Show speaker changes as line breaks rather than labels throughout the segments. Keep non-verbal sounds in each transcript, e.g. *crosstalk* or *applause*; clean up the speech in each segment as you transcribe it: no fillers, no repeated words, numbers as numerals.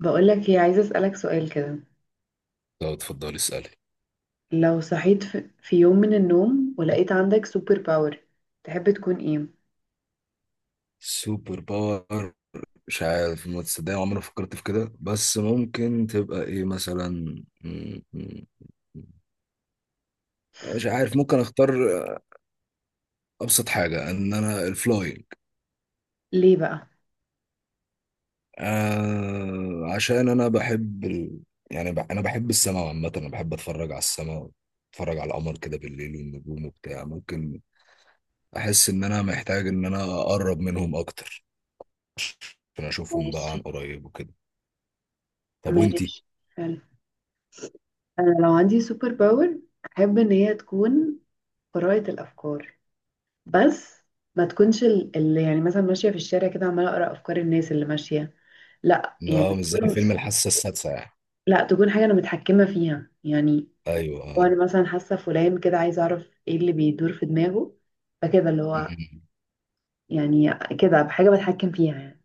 بقولك ايه، عايزة أسألك سؤال كده.
لو اتفضل اسألي.
لو صحيت في يوم من النوم ولقيت عندك سوبر باور، تحب تكون ايه؟
سوبر باور. مش عارف، ما تصدقني عمري ما فكرت في كده، بس ممكن تبقى ايه مثلا؟ م- م- مش عارف، ممكن اختار ابسط حاجة ان انا الفلاينج.
ليه بقى؟
آه، عشان انا بحب انا بحب السماء عامة، انا بحب اتفرج على السماء، اتفرج على القمر كده بالليل والنجوم وبتاع. ممكن احس ان انا محتاج ان انا اقرب منهم اكتر عشان اشوفهم بقى
ماشي.
عن قريب وكده. طب وانتي؟
ماشي، حلو. انا لو عندي سوبر باور، احب ان هي تكون قراءة الافكار. بس ما تكونش اللي يعني مثلا ماشية في الشارع كده عمالة اقرأ افكار الناس اللي ماشية. لا يعني
لا، مش زي فيلم الحاسة السادسة يعني.
لا، تكون حاجة انا متحكمة فيها يعني.
ايوه، آه.
وانا مثلا حاسة فلان كده، عايزة اعرف ايه اللي بيدور في دماغه. فكده اللي هو
مم.
يعني كده، بحاجة بتحكم فيها يعني.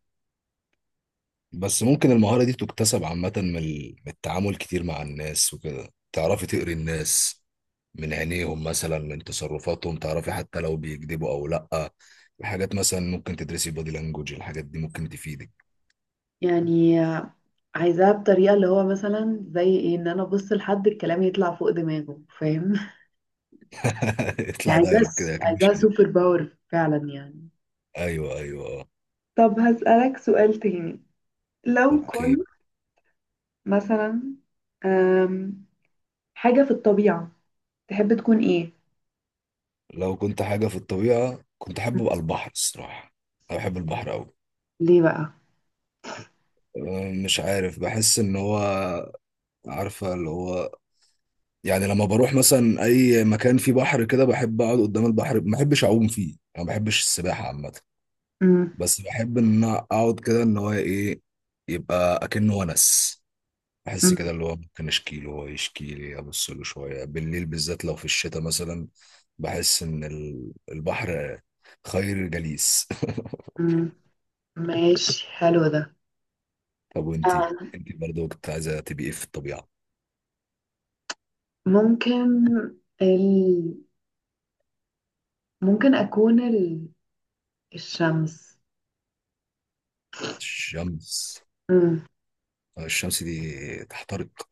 بس ممكن المهارة دي تكتسب عامة من من التعامل كتير مع الناس وكده تعرفي تقري الناس من عينيهم مثلا، من تصرفاتهم تعرفي حتى لو بيكذبوا او لا. الحاجات مثلا ممكن تدرسي بودي لانجوج، الحاجات دي ممكن تفيدك.
يعني عايزاها بطريقة اللي هو مثلا زي ايه، ان انا ابص لحد الكلام يطلع فوق دماغه، فاهم؟ *laughs*
*laughs*
يعني
اطلع
عايزاها
دايلوج كده، اكيد مش
عايزاها
كده.
سوبر باور فعلا يعني.
ايوه ايوه، آه.
طب هسألك سؤال تاني. لو
اوكي.
كنت مثلا، أم، حاجة في الطبيعة، تحب تكون ايه؟
لو كنت حاجة في الطبيعة كنت احب ابقى البحر الصراحة. انا بحب البحر قوي.
ليه بقى؟
مش عارف، بحس ان هو، عارفة اللي هو، يعني لما بروح مثلا اي مكان فيه بحر كده بحب اقعد قدام البحر، ما بحبش اعوم فيه، انا ما بحبش السباحه عامه.
مم.
بس بحب ان انا اقعد كده، ان هو ايه، يبقى اكنه ونس. احس
مم.
كده اللي هو ممكن اشكي له هو يشكي لي، ابص له شويه بالليل بالذات لو في الشتاء مثلا. بحس ان البحر خير جليس.
مم. ماشي، حلو ده.
*laughs* طب وانتي،
آه.
انتي برضه كنت عايزه تبقي ايه في الطبيعه؟
ممكن ال... ممكن أكون الشمس.
الشمس؟
مم.
الشمس دي تحترق.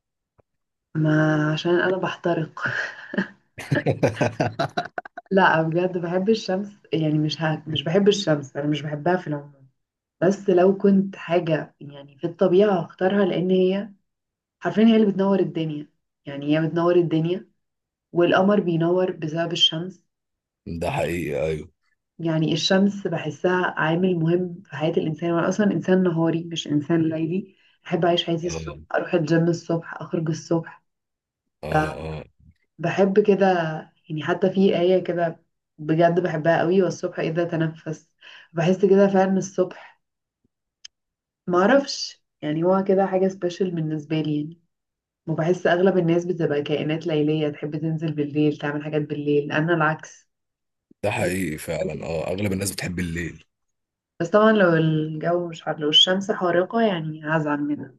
ما عشان انا بحترق. *laughs*
*laughs*
لا بجد بحب الشمس، يعني مش مش بحب الشمس، انا مش بحبها في العموم. بس لو كنت حاجة يعني في الطبيعة هختارها، لان هي حرفيا هي اللي بتنور الدنيا. يعني هي بتنور الدنيا، والقمر بينور بسبب الشمس.
ده حقيقي، ايوه.
يعني الشمس بحسها عامل مهم في حياة الانسان، وانا اصلا انسان نهاري مش انسان ليلي. احب اعيش حياتي الصبح،
اه،
اروح الجيم الصبح، اخرج الصبح.
اه، اه.
بحب كده يعني. حتى في آية كده، بجد بحبها قوي، والصبح إذا تنفس. بحس كده فعلا الصبح، معرفش يعني، هو كده حاجة سبيشال بالنسبة لي يعني. وبحس أغلب الناس بتبقى كائنات ليلية، تحب تنزل بالليل تعمل حاجات بالليل، أنا العكس.
ده حقيقي فعلا، اه اغلب الناس بتحب الليل.
بس طبعا لو الجو مش حر، لو الشمس حارقة يعني هزعل منها.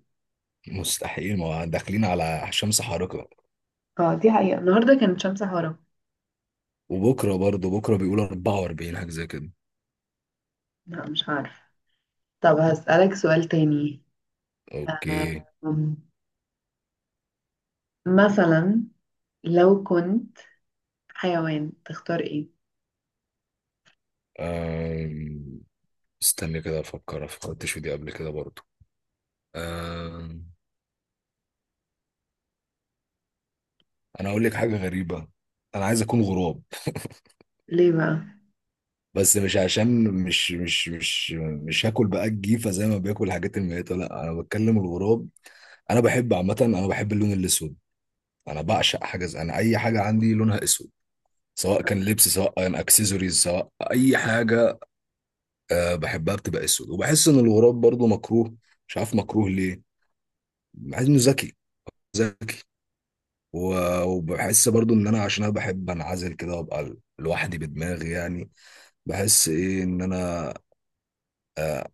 مستحيل، ما داخلين على شمس حارقة.
اه، دي حقيقة، النهاردة كانت شمس حارقة.
وبكرة برضه بكرة بيقولوا 44 حاجة زي كده.
لا مش عارفة. طب هسألك سؤال تاني.
اوكي.
آم، مثلا لو كنت حيوان، تختار ايه؟
أم... استني كده افكر، فكرتش في دي قبل كده برضه. أم... انا هقول لك حاجة غريبة. انا عايز اكون غراب.
ليه بقى؟
بس مش عشان مش هاكل بقى الجيفة زي ما بياكل الحاجات الميتة، لا انا بتكلم الغراب. انا بحب عامة، انا بحب اللون الاسود. انا بعشق حاجة زي انا، اي حاجة عندي لونها اسود، سواء كان لبس سواء كان اكسسوارز سواء اي حاجه. أه، بحبها بتبقى اسود، وبحس ان الغراب برضو مكروه، مش عارف مكروه ليه. بحس انه ذكي، ذكي. و- وبحس برضو ان انا، عشان انا بحب انعزل كده وابقى لوحدي بدماغي يعني. بحس ايه، ان انا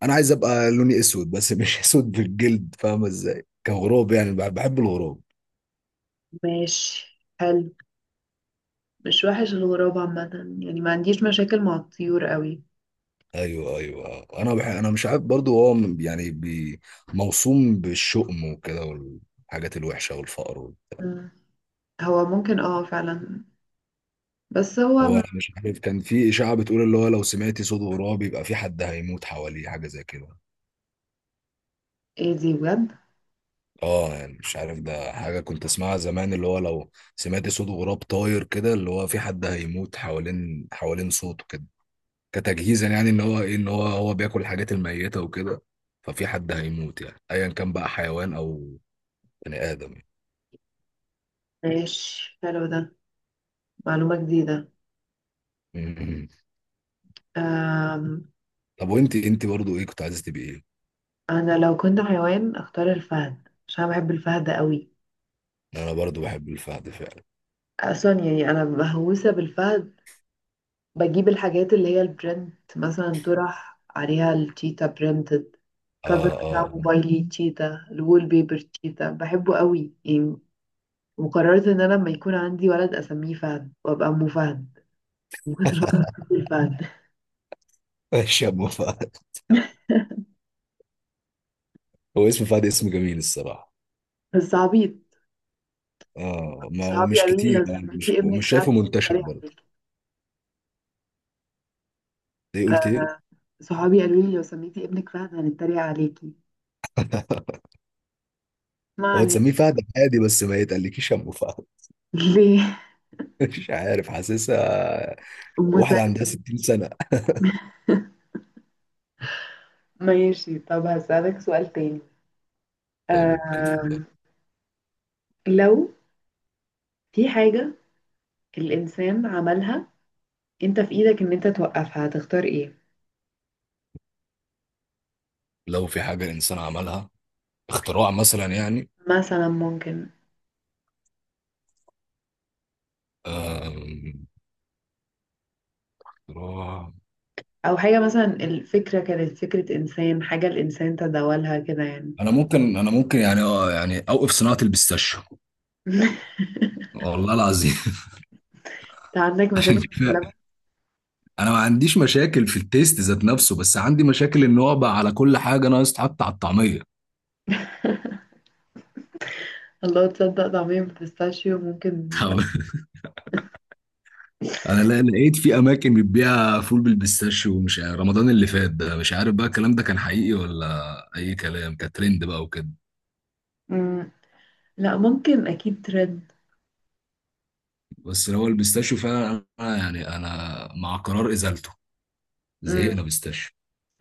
انا عايز ابقى لوني اسود، بس مش *laughs* اسود بالجلد، فاهمه ازاي، كغراب يعني. بحب الغراب.
ماشي، حلو. مش وحش الغراب عامة. يعني ما عنديش مشاكل مع الطيور قوي.
ايوه ايوه، انا انا مش عارف برضو هو يعني موصوم بالشؤم وكده، والحاجات الوحشه والفقر.
مم. هو ممكن، اه فعلا. بس هو
هو أنا مش عارف، كان في اشاعه بتقول اللي هو لو سمعتي صوت غراب يبقى في حد هيموت حواليه، حاجه زي كده.
ايه دي بجد؟
اه يعني مش عارف، ده حاجه كنت اسمعها زمان، اللي هو لو سمعتي صوت غراب طاير كده، اللي هو في حد هيموت حوالين صوته كده. كتجهيزا يعني، ان هو ايه، ان هو هو بياكل الحاجات الميته وكده، ففي حد هيموت، يعني ايا كان بقى حيوان او بني ادم يعني.
ماشي، حلو ده، معلومة جديدة.
مم.
أم.
طب وانت، انت برضو ايه كنت عايزه تبقي ايه؟
انا لو كنت حيوان اختار الفهد، عشان أنا بحب الفهد قوي.
انا برضو بحب الفهد فعلا.
اصلا يعني انا مهووسة بالفهد. بجيب الحاجات اللي هي البرنت، مثلا طرح عليها التيتا برنت.
اه
الكفر
اه،
بتاع
آه.
موبايلي تشيتا، الوول بيبر تشيتا، بحبه قوي يعني. وقررت ان انا لما يكون عندي ولد اسميه فهد، وابقى ام فهد الفهد.
*laughs* ماشي يا ابو فهد.
*laughs*
هو اسم فهد اسم جميل الصراحه.
بس عبيط.
اه ما هو
صحابي
مش
قالوا لي
كتير
لو
يعني، مش
سميتي ابنك
مش
فهد
شايفه منتشر
هنتريق
برضه.
عليكي.
ايه، قلت ايه؟
صحابي قالوا لي لو سميتي ابنك فهد هنتريق عليكي. ما
هو تسميه
علينا. *laughs*
فهد عادي، بس ما يتقلكيش ابو فهد.
ليه؟
*laughs* مش عارف، حاسسها
ام سعد.
واحده عندها 60 سنه.
ماشي، طب هسألك سؤال تاني.
طيب اوكي، اتفضل.
آم، لو في حاجة الإنسان عملها، انت في ايدك ان انت توقفها، هتختار ايه؟
لو في حاجه الانسان عملها، اختراع مثلا يعني؟
مثلا ممكن،
أم، اختراع.
او حاجة مثلا الفكرة كانت فكرة انسان، حاجة الانسان تداولها كده يعني.
انا ممكن يعني، اه يعني اوقف صناعه البيستاشيو.
*laughs*
والله العظيم.
انت عندك
*laughs* عشان
مشاكل مع
كده،
اللبن.
انا ما عنديش مشاكل في التيست ذات نفسه، بس عندي مشاكل ان هو بقى على كل حاجه، ناقص تحط على الطعميه.
الله، تصدق طعمية بالبيستاشيو ممكن يبقى.
*laughs* انا لا، لقيت في اماكن بتبيع فول بالبيستاشيو، ومش عارف رمضان اللي فات ده، مش عارف بقى الكلام ده كان حقيقي ولا اي كلام، كان ترند بقى وكده.
مم. لا ممكن، اكيد ترد.
بس هو البيستاشيو فعلا، انا يعني انا مع قرار ازالته.
مم.
زهقنا بيستاشيو.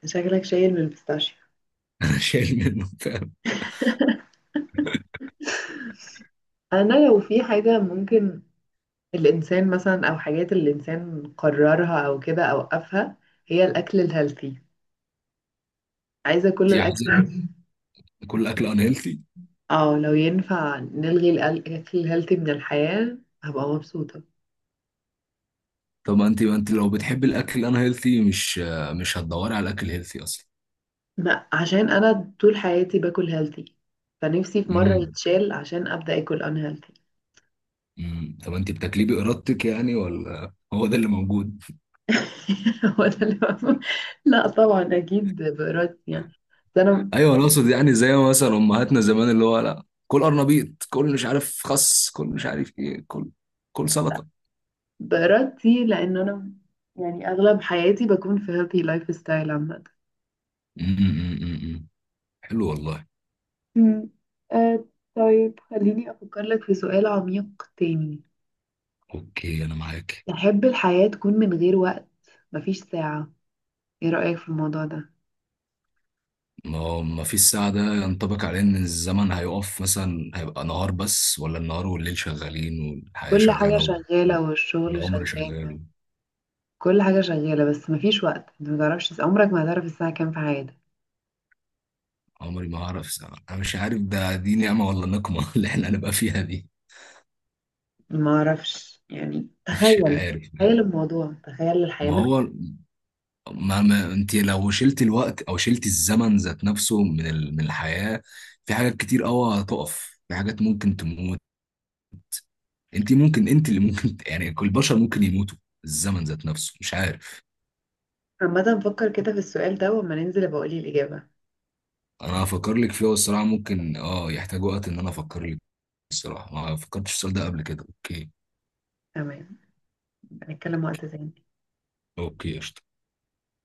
شكلك شايل بالبيستاشيو.
*laughs* انا شايل منه فعلا.
انا لو في حاجة ممكن الانسان مثلا، او حاجات الانسان قررها او كده اوقفها، هي الاكل الهيلثي. عايزة كل
انت عايزه
الاكل. *laughs*
كل اكل ان هيلثي؟
اه، لو ينفع نلغي الاكل الهيلثي من الحياة هبقى مبسوطة.
طب ما انت لو بتحب الاكل ان هيلثي، مش مش هتدوري على الاكل هيلثي اصلا.
ما عشان انا طول حياتي باكل هيلثي، فنفسي في مره
امم
يتشال عشان ابدا اكل ان هيلثي.
أمم. طب انت بتاكليه بارادتك يعني ولا هو ده اللي موجود؟
*laughs* هو ده اللي بفهم. لا طبعا اكيد بارادتي يعني. بس انا
ايوه، انا اقصد يعني زي ما مثلا امهاتنا زمان، اللي هو لا كل قرنبيط، كل مش عارف خس، كل مش عارف ايه، كل كل سلطه.
بارادتي لان انا يعني اغلب حياتي بكون في هيلثي لايف ستايل عامه.
أمم. حلو والله.
أمم. آه. طيب خليني افكر لك في سؤال عميق تاني.
اوكي انا معاك.
تحب الحياه تكون من غير وقت؟ مفيش ساعه، ايه رايك في الموضوع ده؟
ما هو، ما فيش ساعة ده ينطبق عليه ان الزمن هيقف مثلا، هيبقى نهار بس، ولا النهار والليل شغالين والحياة
كل حاجه
شغالة
شغاله، والشغل
والعمر
شغال.
شغال؟
كل حاجة شغالة بس مفيش وقت، انت ما تعرفش عمرك، ما هتعرف الساعة كام في حياتك.
عمري ما هعرف ساعة، انا مش عارف ده دي نعمة ولا نقمة *laughs* اللي احنا هنبقى فيها دي.
ما اعرفش يعني،
مش
تخيل.
عارف.
تخيل الموضوع، تخيل الحياة
ما
من.
هو، ما ما انت لو شلت الوقت او شلت الزمن ذات نفسه من من الحياة، في حاجات كتير قوي هتقف، في حاجات ممكن تموت. انت ممكن، انت اللي ممكن *laughs* يعني كل البشر ممكن يموتوا. الزمن ذات نفسه مش عارف.
عامة فكر كده في السؤال ده، وما ننزل ابقى اقولي الإجابة.
انا هفكر لك فيها الصراحة، ممكن اه يحتاج وقت ان انا افكر لك. الصراحة ما فكرتش في السؤال ده قبل كده. اوكي.
تمام، نتكلم وقت تاني.
اوكي قشطة.